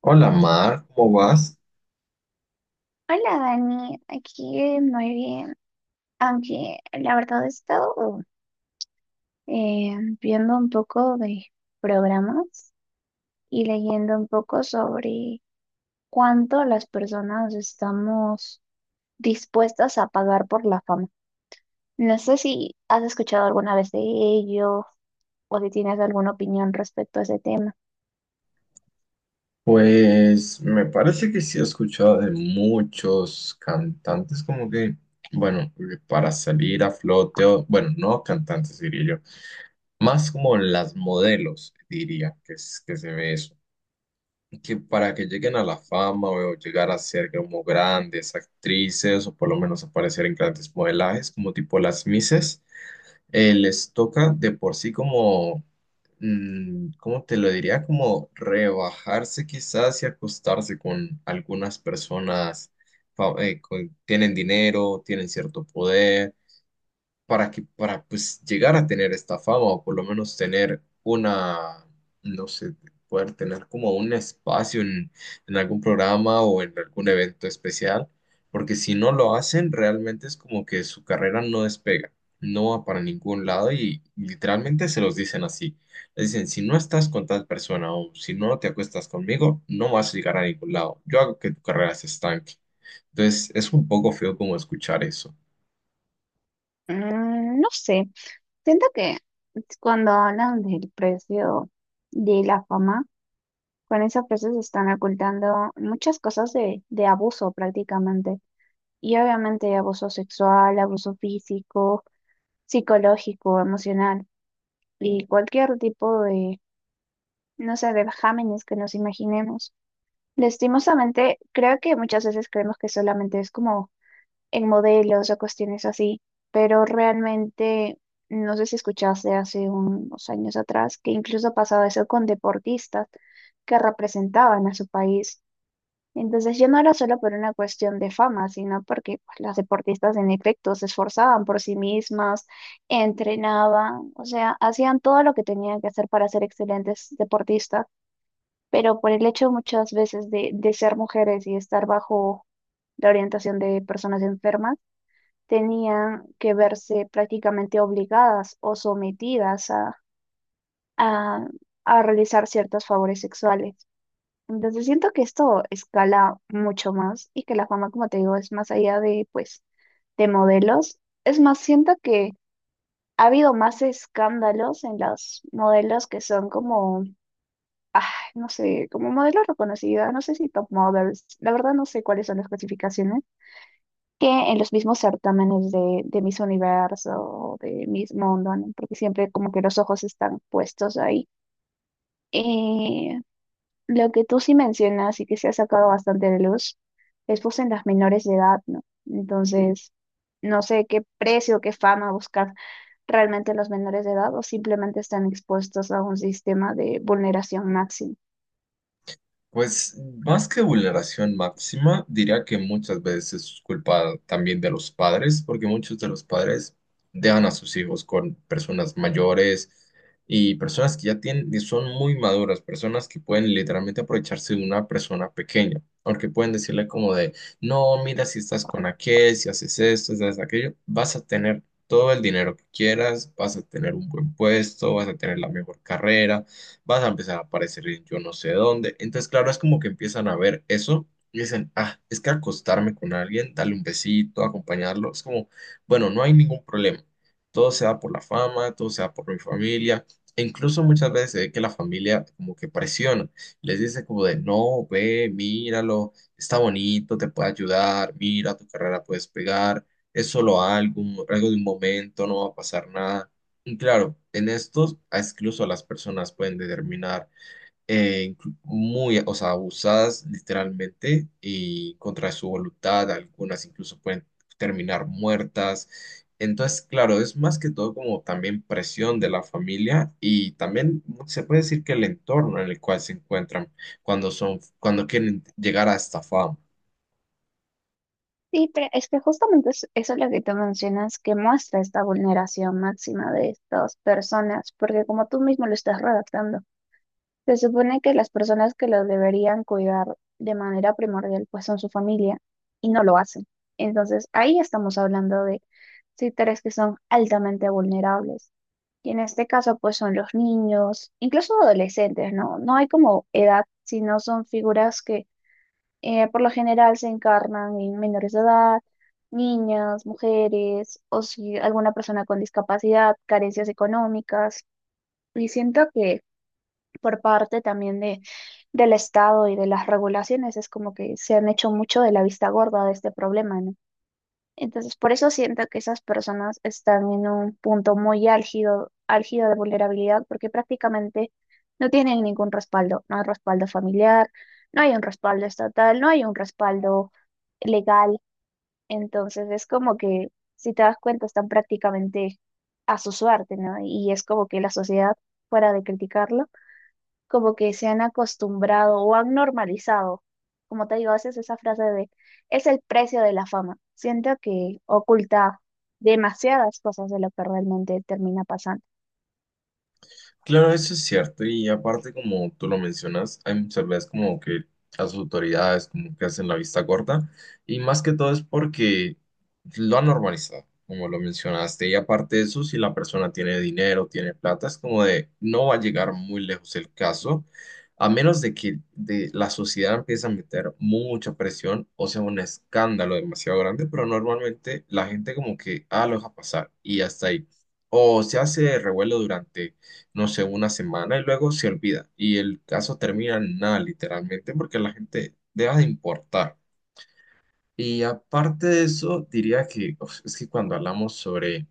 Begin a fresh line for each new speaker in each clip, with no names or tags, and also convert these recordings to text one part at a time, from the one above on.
Hola Mar, ¿cómo vas?
Hola Dani, aquí muy bien, aunque la verdad he estado eh, viendo un poco de programas y leyendo un poco sobre cuánto las personas estamos dispuestas a pagar por la fama. No sé si has escuchado alguna vez de ello o si tienes alguna opinión respecto a ese tema.
Pues me parece que sí he escuchado de muchos cantantes como que, bueno, para salir a flote, o, bueno, no cantantes diría yo, más como las modelos diría que, que se ve eso, que para que lleguen a la fama o llegar a ser como grandes actrices o por lo menos aparecer en grandes modelajes como tipo las Misses. Les toca de por sí como, ¿cómo te lo diría? Como rebajarse quizás y acostarse con algunas personas, tienen dinero, tienen cierto poder para para pues llegar a tener esta fama o por lo menos tener una, no sé, poder tener como un espacio en algún programa o en algún evento especial, porque si no lo hacen, realmente es como que su carrera no despega, no va para ningún lado y literalmente se los dicen así. Les dicen, si no estás con tal persona o si no te acuestas conmigo, no vas a llegar a ningún lado. Yo hago que tu carrera se estanque. Entonces, es un poco feo como escuchar eso.
Mm, no sé, siento que cuando hablan del precio de la fama, con esa frase se están ocultando muchas cosas de abuso prácticamente. Y obviamente abuso sexual, abuso físico, psicológico, emocional y cualquier tipo de, no sé, de vejámenes que nos imaginemos. Lastimosamente, creo que muchas veces creemos que solamente es como en modelos o cuestiones así, pero realmente, no sé si escuchaste hace unos años atrás que incluso pasaba eso con deportistas que representaban a su país. Entonces ya no era solo por una cuestión de fama, sino porque pues, las deportistas en efecto se esforzaban por sí mismas, entrenaban, o sea, hacían todo lo que tenían que hacer para ser excelentes deportistas, pero por el hecho muchas veces de ser mujeres y estar bajo la orientación de personas enfermas, tenían que verse prácticamente obligadas o sometidas a, a a realizar ciertos favores sexuales. Entonces siento que esto escala mucho más y que la fama, como te digo, es más allá de, pues, de modelos. Es más, siento que ha habido más escándalos en los modelos que son como, ay, no sé, como modelos reconocidos, no sé si top models, la verdad no sé cuáles son las clasificaciones, que en los mismos certámenes de Miss Universo o de Miss Mundo, ¿no? Porque siempre como que los ojos están puestos ahí. Eh, Lo que tú sí mencionas y que se ha sacado bastante de luz es pues en las menores de edad, ¿no? Entonces, no sé qué precio, qué fama buscar realmente los menores de edad o simplemente están expuestos a un sistema de vulneración máxima.
Pues más que vulneración máxima, diría que muchas veces es culpa también de los padres, porque muchos de los padres dejan a sus hijos con personas mayores y personas que ya tienen, y son muy maduras, personas que pueden literalmente aprovecharse de una persona pequeña, porque pueden decirle como de, no, mira, si estás con aquel, si haces esto, si haces aquello, vas a tener todo el dinero que quieras, vas a tener un buen puesto, vas a tener la mejor carrera, vas a empezar a aparecer en yo no sé dónde. Entonces, claro, es como que empiezan a ver eso y dicen, ah, es que acostarme con alguien, darle un besito, acompañarlo, es como, bueno, no hay ningún problema. Todo se da por la fama, todo se da por mi familia. E incluso muchas veces se ve que la familia como que presiona, les dice como de, no, ve, míralo, está bonito, te puede ayudar, mira, tu carrera puedes pegar, es solo algo, algo de un momento, no va a pasar nada. Y claro, en estos incluso las personas pueden determinar muy, o sea, abusadas literalmente y contra su voluntad, algunas incluso pueden terminar muertas. Entonces, claro, es más que todo como también presión de la familia y también se puede decir que el entorno en el cual se encuentran cuando son, cuando quieren llegar a esta fama.
Sí, pero es que justamente eso es lo que tú mencionas que muestra esta vulneración máxima de estas personas, porque como tú mismo lo estás redactando. Se supone que las personas que los deberían cuidar de manera primordial pues son su familia y no lo hacen. Entonces ahí estamos hablando de sectores que son altamente vulnerables. Y en este caso pues son los niños, incluso adolescentes, ¿no? No hay como edad, sino son figuras que por lo general se encarnan en menores de edad, niñas, mujeres o si alguna persona con discapacidad, carencias económicas. Y siento que por parte también del Estado y de las regulaciones, es como que se han hecho mucho de la vista gorda de este problema, ¿no? Entonces, por eso siento que esas personas están en un punto muy álgido, álgido de vulnerabilidad, porque prácticamente no tienen ningún respaldo, no hay respaldo familiar, no hay un respaldo estatal, no hay un respaldo legal, entonces es como que, si te das cuenta, están prácticamente a su suerte, ¿no? Y es como que la sociedad, fuera de criticarlo, como que se han acostumbrado o han normalizado. Como te digo, a veces esa frase de es el precio de la fama. Siento que oculta demasiadas cosas de lo que realmente termina pasando.
Claro, eso es cierto. Y aparte, como tú lo mencionas, hay muchas veces como que las autoridades como que hacen la vista corta. Y más que todo es porque lo han normalizado, como lo mencionaste. Y aparte de eso, si la persona tiene dinero, tiene plata, es como de no va a llegar muy lejos el caso, a menos de que de la sociedad empiece a meter mucha presión o sea un escándalo demasiado grande. Pero normalmente la gente como que ah, lo deja pasar y hasta ahí. O se hace revuelo durante no sé, una semana y luego se olvida. Y el caso termina en nada, literalmente, porque la gente deja de importar. Y aparte de eso, diría que uf, es que cuando hablamos sobre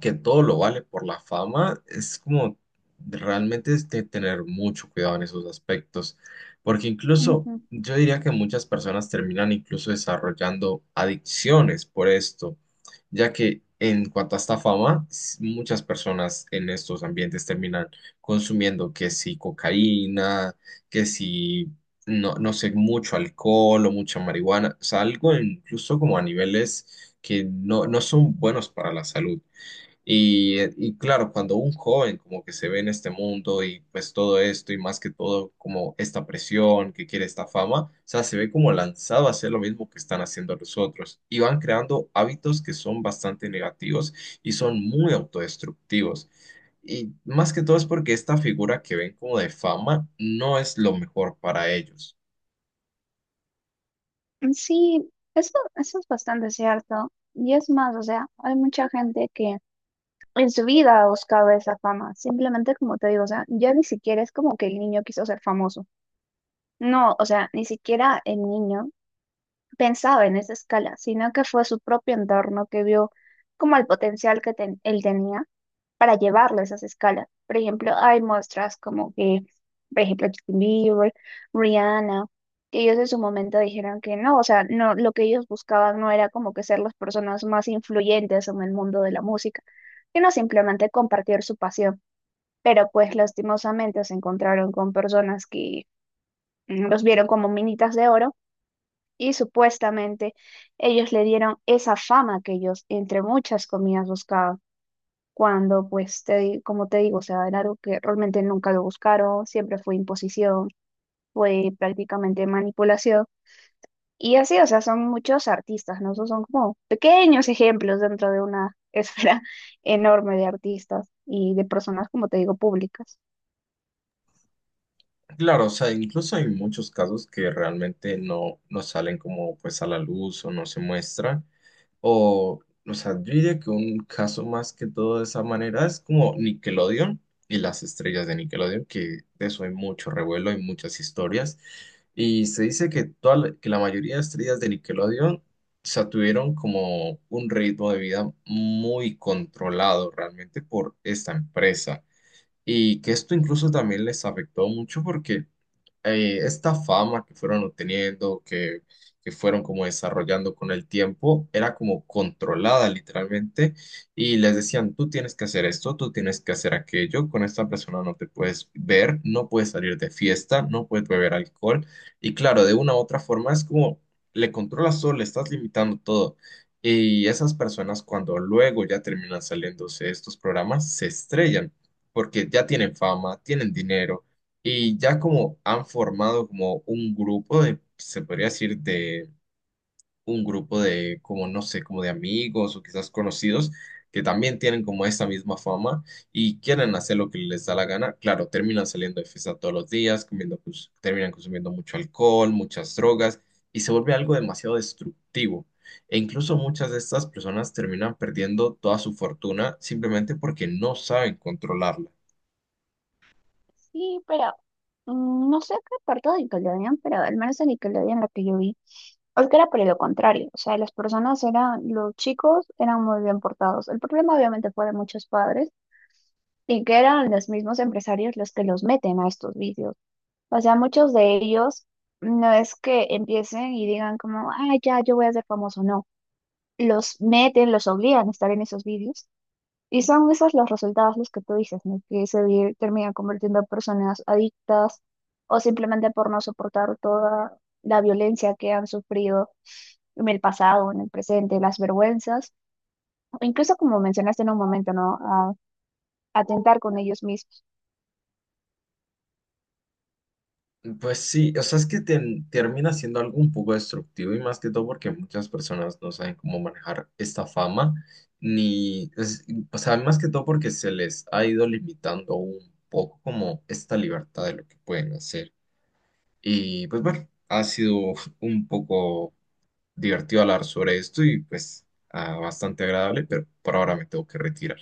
que todo lo vale por la fama, es como realmente es de tener mucho cuidado en esos aspectos, porque incluso yo diría que muchas personas terminan incluso desarrollando adicciones por esto, ya que en cuanto a esta fama, muchas personas en estos ambientes terminan consumiendo que si cocaína, que si... No, no sé, mucho alcohol o mucha marihuana, o sea, algo incluso como a niveles que no, no son buenos para la salud. Y, y claro, cuando un joven como que se ve en este mundo y pues todo esto y más que todo como esta presión que quiere esta fama, o sea, se ve como lanzado a hacer lo mismo que están haciendo los otros y van creando hábitos que son bastante negativos y son muy autodestructivos. Y más que todo es porque esta figura que ven como de fama no es lo mejor para ellos.
Ujú. Sí, eso es bastante cierto. Y es más, o sea, hay mucha gente que en su vida ha buscado esa fama. Simplemente, como te digo, o sea, ya ni siquiera es como que el niño quiso ser famoso. No, o sea, ni siquiera el niño pensaba en esa escala, sino que fue su propio entorno que vio como el potencial que él tenía para llevarlo a esas escalas. Por ejemplo, hay muestras como que, por ejemplo, Justin Bieber, Rihanna, que ellos en su momento dijeron que no, o sea, no, lo que ellos buscaban no era como que ser las personas más influyentes en el mundo de la música, sino simplemente compartir su pasión. Pero pues lastimosamente se encontraron con personas que mm, los vieron como minitas de oro y supuestamente ellos le dieron esa fama que ellos entre muchas comillas buscaban, cuando pues como te digo, o sea, era algo que realmente nunca lo buscaron, siempre fue imposición, fue prácticamente manipulación y así, o sea, son muchos artistas, ¿no? Esos son como pequeños ejemplos dentro de una esfera enorme de artistas y de personas, como te digo, públicas.
Claro, o sea, incluso hay muchos casos que realmente no, no salen como pues a la luz o no se muestran. O sea, yo diría que un caso más que todo de esa manera es como Nickelodeon y las estrellas de Nickelodeon, que de eso hay mucho revuelo, hay muchas historias. Y se dice que, toda la, que la mayoría de estrellas de Nickelodeon, o sea, tuvieron como un ritmo de vida muy controlado realmente por esta empresa. Y que esto incluso también les afectó mucho porque esta fama que fueron obteniendo, que fueron como desarrollando con el tiempo, era como controlada literalmente y les decían, tú tienes que hacer esto, tú tienes que hacer aquello, con esta persona no te puedes ver, no puedes salir de fiesta, no puedes beber alcohol y claro, de una u otra forma es como le controlas todo, le estás limitando todo. Y esas personas cuando luego ya terminan saliéndose de estos programas se estrellan porque ya tienen fama, tienen dinero y ya como han formado como un grupo de, se podría decir, de un grupo de como, no sé, como de amigos o quizás conocidos que también tienen como esta misma fama y quieren hacer lo que les da la gana. Claro, terminan saliendo de fiesta todos los días, comiendo, pues, terminan consumiendo mucho alcohol, muchas drogas y se vuelve algo demasiado destructivo. E incluso muchas de estas personas terminan perdiendo toda su fortuna simplemente porque no saben controlarla.
Sí, pero mm, no sé qué parte de Nickelodeon, pero al menos en Nickelodeon la que yo vi es que era por lo contrario, o sea, las personas eran, los chicos eran muy bien portados. El problema obviamente fue de muchos padres y que eran los mismos empresarios los que los meten a estos vicios. O sea, muchos de ellos no es que empiecen y digan como, ah, ya, yo voy a ser famoso, no. Los meten, los obligan a estar en esos vídeos y son esos los resultados los que tú dices, ¿no? Que terminan convirtiendo en personas adictas o simplemente por no soportar toda la violencia que han sufrido en el pasado, en el presente, las vergüenzas, o incluso como mencionaste en un momento, ¿no? A atentar con ellos mismos.
Pues sí, o sea, es que termina siendo algo un poco destructivo y más que todo porque muchas personas no saben cómo manejar esta fama, ni, es- o sea, más que todo porque se les ha ido limitando un poco como esta libertad de lo que pueden hacer. Y pues bueno, ha sido un poco divertido hablar sobre esto y pues ah, bastante agradable, pero por ahora me tengo que retirar.